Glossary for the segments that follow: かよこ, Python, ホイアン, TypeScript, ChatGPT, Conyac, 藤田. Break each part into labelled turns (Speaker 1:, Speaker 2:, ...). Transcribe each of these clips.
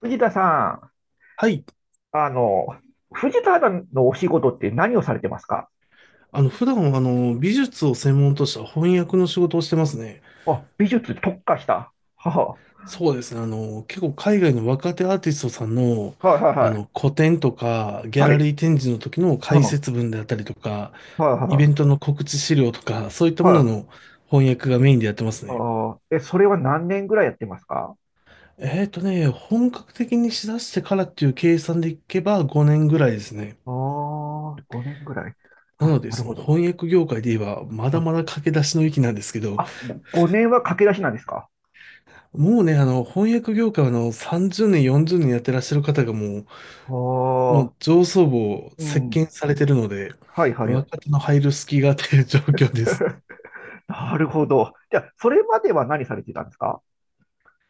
Speaker 1: 藤田さ
Speaker 2: はい。
Speaker 1: ん、藤田さんのお仕事って何をされてますか？
Speaker 2: 普段は、美術を専門とした翻訳の仕事をしてますね。
Speaker 1: あ、美術特化した。は
Speaker 2: そうですね。結構海外の若手アーティストさんの、
Speaker 1: あ、はいはいはい。
Speaker 2: 個展とか、ギャ
Speaker 1: はい。
Speaker 2: ラリー展示の時の
Speaker 1: う
Speaker 2: 解
Speaker 1: ん。は
Speaker 2: 説文であったりとか、
Speaker 1: い
Speaker 2: イベ
Speaker 1: は
Speaker 2: ントの告知資料とか、そういった
Speaker 1: い
Speaker 2: も
Speaker 1: は
Speaker 2: の
Speaker 1: い。
Speaker 2: の翻訳がメインでやってます
Speaker 1: あ
Speaker 2: ね。
Speaker 1: ー、え、それは何年ぐらいやってますか？
Speaker 2: 本格的にしだしてからっていう計算でいけば5年ぐらいですね。
Speaker 1: ああ、5年ぐらい。
Speaker 2: な
Speaker 1: あ、
Speaker 2: ので、
Speaker 1: なる
Speaker 2: そ
Speaker 1: ほ
Speaker 2: の
Speaker 1: ど。
Speaker 2: 翻訳業界で言えば、まだ
Speaker 1: あ、
Speaker 2: まだ駆け出しの域なんですけど、
Speaker 1: あ5年は駆け出しなんですか？
Speaker 2: もうね、翻訳業界は30年、40年やってらっしゃる方がもう、も
Speaker 1: あ
Speaker 2: う
Speaker 1: あ、
Speaker 2: 上層部を
Speaker 1: う
Speaker 2: 席
Speaker 1: ん。
Speaker 2: 巻されてるので、
Speaker 1: はいはいはい。
Speaker 2: 若手の入る隙がという状況です。
Speaker 1: なるほど。じゃあ、それまでは何されてたんですか？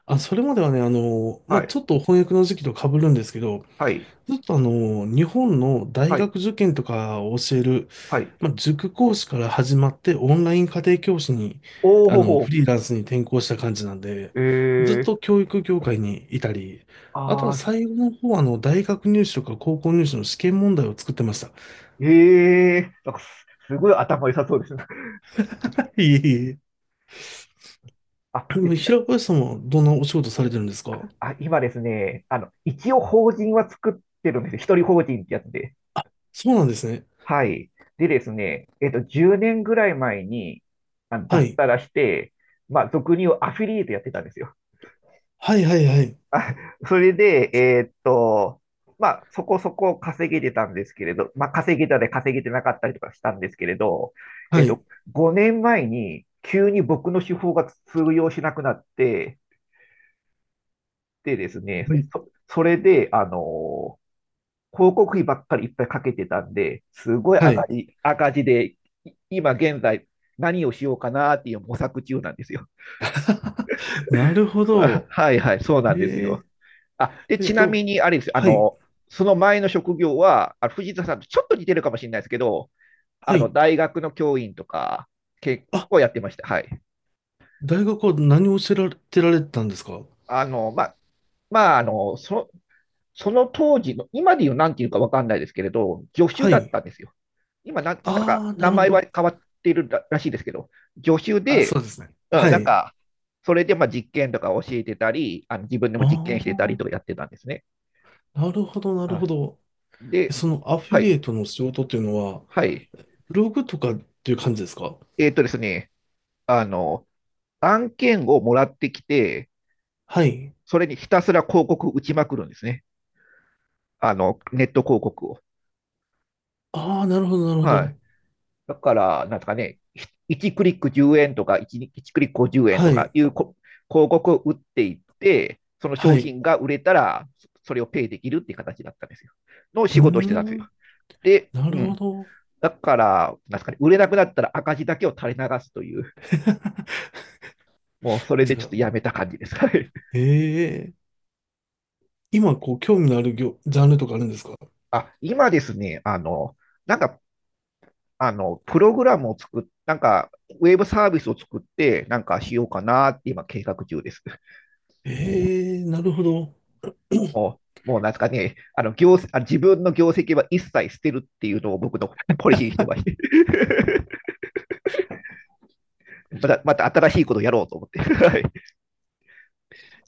Speaker 2: あ、それまではね、まあ、
Speaker 1: は
Speaker 2: ち
Speaker 1: い。
Speaker 2: ょっと翻訳の時期と被るんですけど、
Speaker 1: はい。
Speaker 2: ずっと日本の大
Speaker 1: はい。
Speaker 2: 学受験とかを教える、
Speaker 1: はい。
Speaker 2: まあ、塾講師から始まってオンライン家庭教師に、
Speaker 1: おお、
Speaker 2: フ
Speaker 1: ほ
Speaker 2: リーランスに転校した感じなんで、
Speaker 1: え
Speaker 2: ずっと
Speaker 1: ー
Speaker 2: 教育業界にいたり、あと
Speaker 1: あ
Speaker 2: は
Speaker 1: あ、
Speaker 2: 最後の方は大学入試とか高校入試の試験問題を作ってました。
Speaker 1: ええ、なんかすごい頭良さそうですね。
Speaker 2: いえいええ。
Speaker 1: あ、
Speaker 2: で、
Speaker 1: で、
Speaker 2: もう平林さんはどんなお仕事されてるんですか？
Speaker 1: あ、今ですね、一応法人は作ってるんですよ。一人法人ってやつで。
Speaker 2: そうなんですね。
Speaker 1: はい。でですね、10年ぐらい前に、
Speaker 2: は
Speaker 1: 脱
Speaker 2: い。
Speaker 1: サラして、まあ、俗に言うアフィリエイトやってたんですよ。
Speaker 2: はいはいはい。
Speaker 1: あ、それで、まあ、そこそこ稼げてたんですけれど、まあ、稼げたで稼げてなかったりとかしたんですけれど、えー
Speaker 2: は
Speaker 1: っ
Speaker 2: い。
Speaker 1: と、5年前に急に僕の手法が通用しなくなって、でですね、
Speaker 2: はい。
Speaker 1: それで、広告費ばっかりいっぱいかけてたんで、すごい
Speaker 2: は
Speaker 1: 赤
Speaker 2: い。
Speaker 1: 字、赤字で、今現在何をしようかなっていう模索中なんですよ。
Speaker 2: なるほ ど。
Speaker 1: はいはい、そうなんですよ。
Speaker 2: え
Speaker 1: あ、で、
Speaker 2: ええっ
Speaker 1: ちな
Speaker 2: と、
Speaker 1: みに、あれですよ、
Speaker 2: はい。
Speaker 1: その前の職業は、藤田さんとちょっと似てるかもしれないですけど、
Speaker 2: はい。
Speaker 1: 大学の教員とか、結
Speaker 2: あ、
Speaker 1: 構やってました。はい。
Speaker 2: 大学は何を教えられてたんですか？
Speaker 1: あの、ま、まあ、その当時の、今で言うなんていうかわかんないですけれど、助手
Speaker 2: は
Speaker 1: だっ
Speaker 2: い。
Speaker 1: たんですよ。今なんか、
Speaker 2: ああ、な
Speaker 1: 名
Speaker 2: るほ
Speaker 1: 前は
Speaker 2: ど。
Speaker 1: 変わってるらしいですけど、助手
Speaker 2: あ、
Speaker 1: で、
Speaker 2: そうですね。
Speaker 1: うん、
Speaker 2: は
Speaker 1: なん
Speaker 2: い。
Speaker 1: か、それでまあ実験とか教えてたり、自分でも実験してた
Speaker 2: あ
Speaker 1: りとかやってたんですね。
Speaker 2: あ、なるほど、なるほ
Speaker 1: あ、
Speaker 2: ど。
Speaker 1: で、
Speaker 2: そのアフィ
Speaker 1: は
Speaker 2: リエイ
Speaker 1: い、
Speaker 2: トの仕事っていうのは、
Speaker 1: はい。
Speaker 2: ブログとかっていう感じですか？
Speaker 1: ですね、あの、案件をもらってきて、
Speaker 2: はい。
Speaker 1: それにひたすら広告打ちまくるんですね。ネット広告を。
Speaker 2: ああ、なるほど、なるほ
Speaker 1: はい。
Speaker 2: ど。
Speaker 1: だから、なんですかね、1クリック10円とか1クリック50円
Speaker 2: は
Speaker 1: とか
Speaker 2: い。
Speaker 1: いう広告を打っていって、その
Speaker 2: は
Speaker 1: 商
Speaker 2: い。
Speaker 1: 品が売れたら、それをペイできるっていう形だったんですよ。の
Speaker 2: う
Speaker 1: 仕
Speaker 2: ー
Speaker 1: 事をしてたんですよ。
Speaker 2: ん、
Speaker 1: で、
Speaker 2: なる
Speaker 1: う
Speaker 2: ほ
Speaker 1: ん。
Speaker 2: ど。
Speaker 1: だから、なんですかね、売れなくなったら赤字だけを垂れ流すという、もうそれ
Speaker 2: じ
Speaker 1: で
Speaker 2: ゃ
Speaker 1: ちょっ
Speaker 2: あ、
Speaker 1: とやめた感じですかね。
Speaker 2: ええ、今、こう、興味のあるジャンルとかあるんですか？
Speaker 1: あ、今ですね、なんかプログラムをなんか、ウェブサービスを作って、なんかしようかなって今計画中です。
Speaker 2: ええ、なるほど。
Speaker 1: もう、なんですかね、自分の業績は一切捨てるっていうのを僕のポリシーにしてまして。また、新しいことをやろうと思って。はい。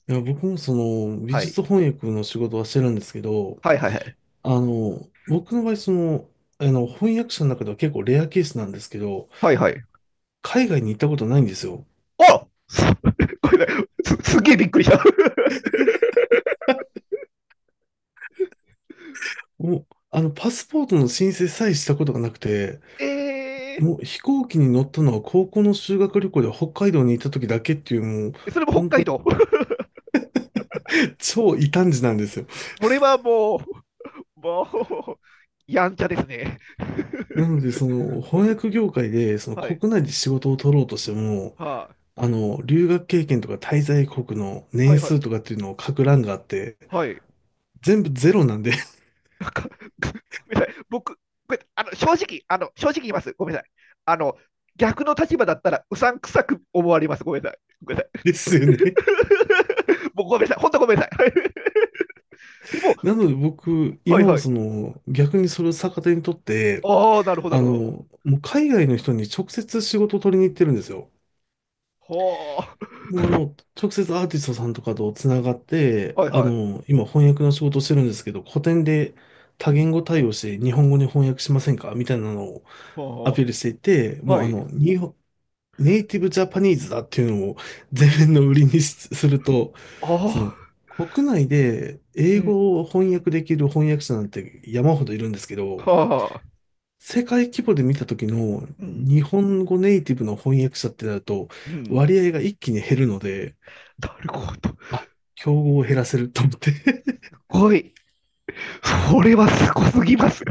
Speaker 2: いや、僕もその美
Speaker 1: は
Speaker 2: 術
Speaker 1: い。
Speaker 2: 翻訳の仕事はしてるんですけど、
Speaker 1: はいはいはい。
Speaker 2: 僕の場合その、翻訳者の中では結構レアケースなんですけど、
Speaker 1: はいはい。
Speaker 2: 海外に行ったことないんですよ。
Speaker 1: あす、ごめんなさいすげえびっくりした。
Speaker 2: もう、パスポートの申請さえしたことがなくて、
Speaker 1: え
Speaker 2: もう飛行機に乗ったのは高校の修学旅行で北海道に行った時だけっていうもう、
Speaker 1: ー、それも北
Speaker 2: 本当
Speaker 1: 海
Speaker 2: に
Speaker 1: 道。
Speaker 2: 超異端児なんですよ。
Speaker 1: これはもう、もう、やんちゃですね。
Speaker 2: なので、その翻訳業界でそ の
Speaker 1: はい。
Speaker 2: 国内で仕事を取ろうとしても、
Speaker 1: は
Speaker 2: 留学経験とか滞在国の
Speaker 1: い。は
Speaker 2: 年
Speaker 1: いは
Speaker 2: 数と
Speaker 1: い。
Speaker 2: かっていうのを書く欄があって、
Speaker 1: はい。
Speaker 2: 全部ゼロなんで
Speaker 1: なんかごめんなさい。僕、これあの正直、正直言います。ごめんなさい。あの逆の立場だったらうさんくさく思われます。ごめんなさい。ごめん なさ
Speaker 2: ですよね。
Speaker 1: い。もうごめんなさい。本当ごめんなさい。でも、
Speaker 2: なので僕、
Speaker 1: はい
Speaker 2: 今
Speaker 1: は
Speaker 2: は
Speaker 1: い。
Speaker 2: その、逆にそれを逆手にとって、
Speaker 1: ああ、なるほど、なるほ
Speaker 2: もう海外の人に直接仕事を取りに行ってるんですよ。
Speaker 1: ど。は
Speaker 2: もう直接アーティストさんとかとつながって、
Speaker 1: あ、はいはい。
Speaker 2: 今翻訳の仕事をしてるんですけど、古典で
Speaker 1: う
Speaker 2: 多
Speaker 1: ん、
Speaker 2: 言語対応して日本語に翻訳しませんかみたいなのをア
Speaker 1: は
Speaker 2: ピールしていて、
Speaker 1: あ、
Speaker 2: も
Speaker 1: は
Speaker 2: う
Speaker 1: い。
Speaker 2: 日本ネイティブジャパニーズだっていうのを前面の売りにすると、
Speaker 1: あ
Speaker 2: その
Speaker 1: あ、
Speaker 2: 国内で
Speaker 1: う
Speaker 2: 英
Speaker 1: ん、
Speaker 2: 語を
Speaker 1: う
Speaker 2: 翻
Speaker 1: ん、
Speaker 2: 訳できる翻訳者なんて山ほどいるんですけど、
Speaker 1: はあ、
Speaker 2: 世界規模で見た時の
Speaker 1: うん、
Speaker 2: 日本語ネイティブの翻訳者ってなると
Speaker 1: うん。
Speaker 2: 割合が一気に減るので、
Speaker 1: なるほど。す
Speaker 2: あ、競合を減らせると思って
Speaker 1: ごい。それはすごすぎます。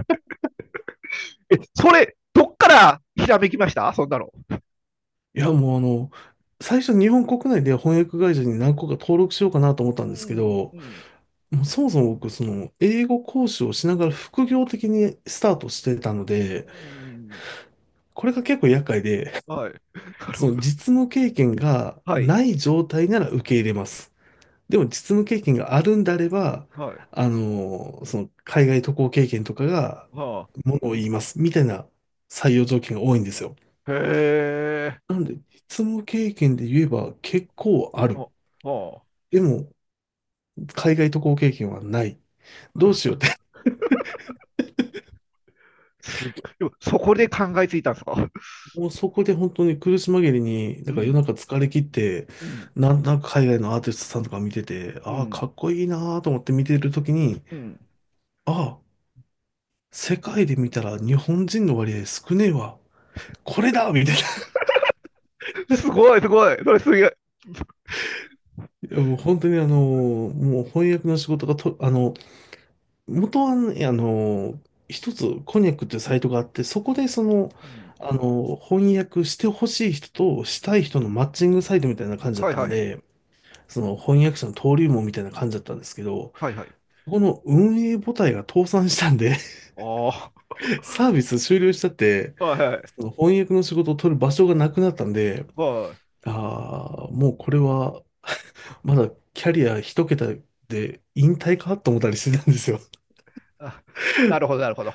Speaker 1: え、それ、どっからひらめきましたそんなの？
Speaker 2: いや、もう最初日本国内で翻訳会社に何個か登録しようかなと思った
Speaker 1: う
Speaker 2: んですけ
Speaker 1: ん、
Speaker 2: ど、
Speaker 1: うん、
Speaker 2: もうそもそも僕、その、英語講師をしながら副業的にスタートしてたので、
Speaker 1: うん。
Speaker 2: これが結構厄介で、
Speaker 1: はい。な る
Speaker 2: そ
Speaker 1: ほ
Speaker 2: の
Speaker 1: ど。
Speaker 2: 実務経験が
Speaker 1: はい。
Speaker 2: ない状態なら受け入れます。でも実務経験があるんであれば、
Speaker 1: はい。
Speaker 2: その、海外渡航経験とかが
Speaker 1: はあ。
Speaker 2: ものを言います、みたいな採用条件が多いんですよ。
Speaker 1: へえ。
Speaker 2: なので、実務経験で言えば結構ある。
Speaker 1: はあはあ。
Speaker 2: でも、海外渡航経験はない。どうしようって、
Speaker 1: すごい。でもそこで考えついたんですか？
Speaker 2: もうそこで本当に苦し紛れに、
Speaker 1: う
Speaker 2: だから夜
Speaker 1: ん、
Speaker 2: 中疲れ切って、
Speaker 1: うん、
Speaker 2: なんとなく海外のアーティストさんとか見てて、
Speaker 1: う
Speaker 2: ああ、
Speaker 1: ん、
Speaker 2: かっこいいなーと思って見てるときに、
Speaker 1: うん。
Speaker 2: ああ、世界で見たら日本人の割合少ねえわ。これだみたいな。
Speaker 1: すごい、すごい。それすげえ。
Speaker 2: いやもう本当にもう翻訳の仕事がと、元はね、一つコニャックっていうサイトがあって、そこでその、
Speaker 1: うん。
Speaker 2: あの翻訳してほしい人としたい人のマッチングサイトみたいな感じだっ
Speaker 1: はい
Speaker 2: た
Speaker 1: は
Speaker 2: ん
Speaker 1: い。
Speaker 2: で、その翻訳者の登竜門みたいな感じだったんですけど、
Speaker 1: はいはい。
Speaker 2: そこの運営母体が倒産したんで
Speaker 1: あ
Speaker 2: サービス終了しちゃって、
Speaker 1: あ。はいはい。
Speaker 2: その翻訳の仕事を取る場所がなくなったんで、
Speaker 1: はい。
Speaker 2: ああ、もうこれは、まだキャリア一桁で引退かと思ったりしてたんですよ。
Speaker 1: あ、なるほど、なるほど。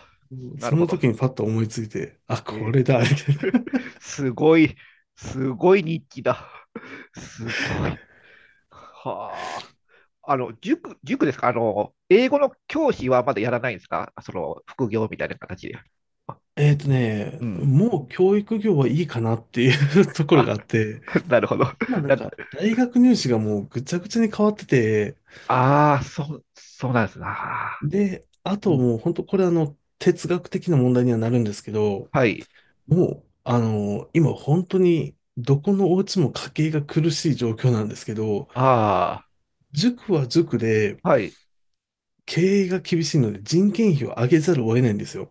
Speaker 1: な
Speaker 2: そ
Speaker 1: るほ
Speaker 2: の
Speaker 1: ど。
Speaker 2: 時にパッと思いついて、あ、こ
Speaker 1: え
Speaker 2: れだ。みたいな。
Speaker 1: ー、すごい。すごい日記だ。すごい。はあ。塾、塾ですか？英語の教師はまだやらないんですか？副業みたいな形で。あ、うん。
Speaker 2: もう教育業はいいかなっていう ところが
Speaker 1: あ
Speaker 2: あって、
Speaker 1: なるほど。
Speaker 2: まあ なん
Speaker 1: な
Speaker 2: か大学入試がもうぐちゃぐちゃに変わってて、
Speaker 1: ああ、そう、そうなんですな。
Speaker 2: で、あ
Speaker 1: う
Speaker 2: と
Speaker 1: ん、
Speaker 2: もう本当これ哲学的な問題にはなるんですけど、
Speaker 1: はい。
Speaker 2: もう今本当にどこのお家も家計が苦しい状況なんですけど、
Speaker 1: あ
Speaker 2: 塾は塾で
Speaker 1: あ、はい。
Speaker 2: 経営が厳しいので人件費を上げざるを得ないんですよ。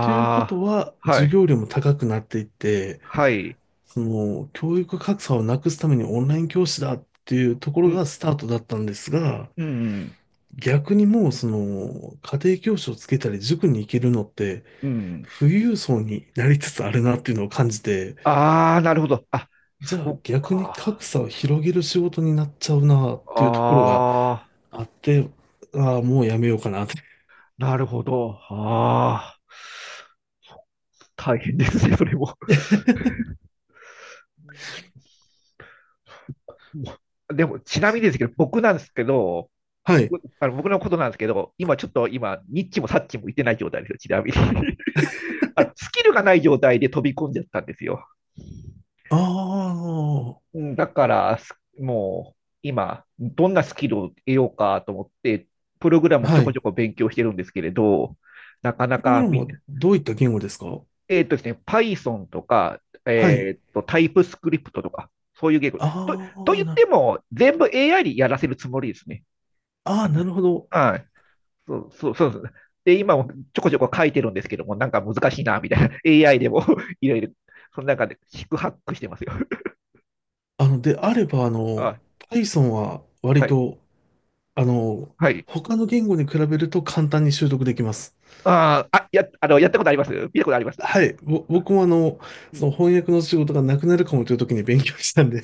Speaker 2: ということは
Speaker 1: あ、は
Speaker 2: 授
Speaker 1: い。
Speaker 2: 業料も高くなっていって、
Speaker 1: はい。
Speaker 2: その教育格差をなくすためにオンライン教師だっていうとこ
Speaker 1: う
Speaker 2: ろ
Speaker 1: ん
Speaker 2: がスタートだったんですが、
Speaker 1: うん。
Speaker 2: 逆にもうその家庭教師をつけたり塾に行けるのって
Speaker 1: うん。
Speaker 2: 富裕層になりつつあるなっていうのを感じて、
Speaker 1: ああ、なるほど。あ、
Speaker 2: じゃ
Speaker 1: そ
Speaker 2: あ
Speaker 1: っ
Speaker 2: 逆に
Speaker 1: か。
Speaker 2: 格差を広げる仕事になっちゃうなっていうところが
Speaker 1: ああ、
Speaker 2: あって、ああ、もうやめようかなって。
Speaker 1: なるほど。ああ、大変ですね、それも。うん、でも、ちなみにですけど、僕なんですけど、
Speaker 2: はい。
Speaker 1: 僕のことなんですけど、今ちょっと今、ニッチもサッチも行ってない状態ですよ、ちなみに。スキルがない状態で飛び込んじゃったんですよ。
Speaker 2: ああ、
Speaker 1: うん、だから、もう今、どんなスキルを得ようかと思って、プログラムをちょ
Speaker 2: は
Speaker 1: こちょ
Speaker 2: い。
Speaker 1: こ勉強してるんですけれど、なかな
Speaker 2: プログ
Speaker 1: か
Speaker 2: ラムはどういった言語ですか？
Speaker 1: ですね、Python とか、
Speaker 2: はい。
Speaker 1: タイプスクリプトとか、そういう言語。と、
Speaker 2: ああ、
Speaker 1: 言っても、全部 AI にやらせるつもりですね。
Speaker 2: ああ、
Speaker 1: あの
Speaker 2: なるほど。
Speaker 1: はい。そう、そう、そうですね。で、今もちょこちょこ書いてるんですけども、なんか難しいな、みたいな。AI でも いろいろ、その中で、四苦八苦してますよ。
Speaker 2: であれば、
Speaker 1: あ、
Speaker 2: Python は
Speaker 1: は
Speaker 2: 割
Speaker 1: い、
Speaker 2: と、あの、
Speaker 1: はい。
Speaker 2: 他の言語に比べると簡単に習得できます。
Speaker 1: あーあ、やったことあります。見たことあります。
Speaker 2: はい。僕も
Speaker 1: う
Speaker 2: そ
Speaker 1: ん。
Speaker 2: の翻訳の仕事がなくなるかもという時に勉強したんで。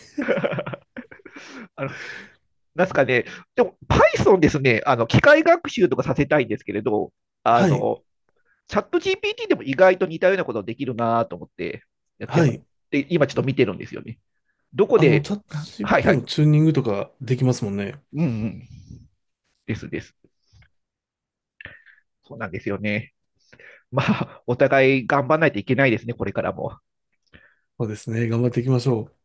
Speaker 1: あの、なんすかね。でも、Python ですね、機械学習とかさせたいんですけれど、あ
Speaker 2: はい。
Speaker 1: の、チャット GPT でも意外と似たようなことできるなと思って、やって
Speaker 2: は
Speaker 1: ます。
Speaker 2: い。
Speaker 1: で、今ちょっと見てるんですよね。どこで。
Speaker 2: チャット
Speaker 1: はいは
Speaker 2: GPT も
Speaker 1: い。
Speaker 2: チューニングとかできますもんね。
Speaker 1: うんうん。ですです。そうなんですよね。まあ、お互い頑張らないといけないですね、これからも。
Speaker 2: そうですね。頑張っていきましょう。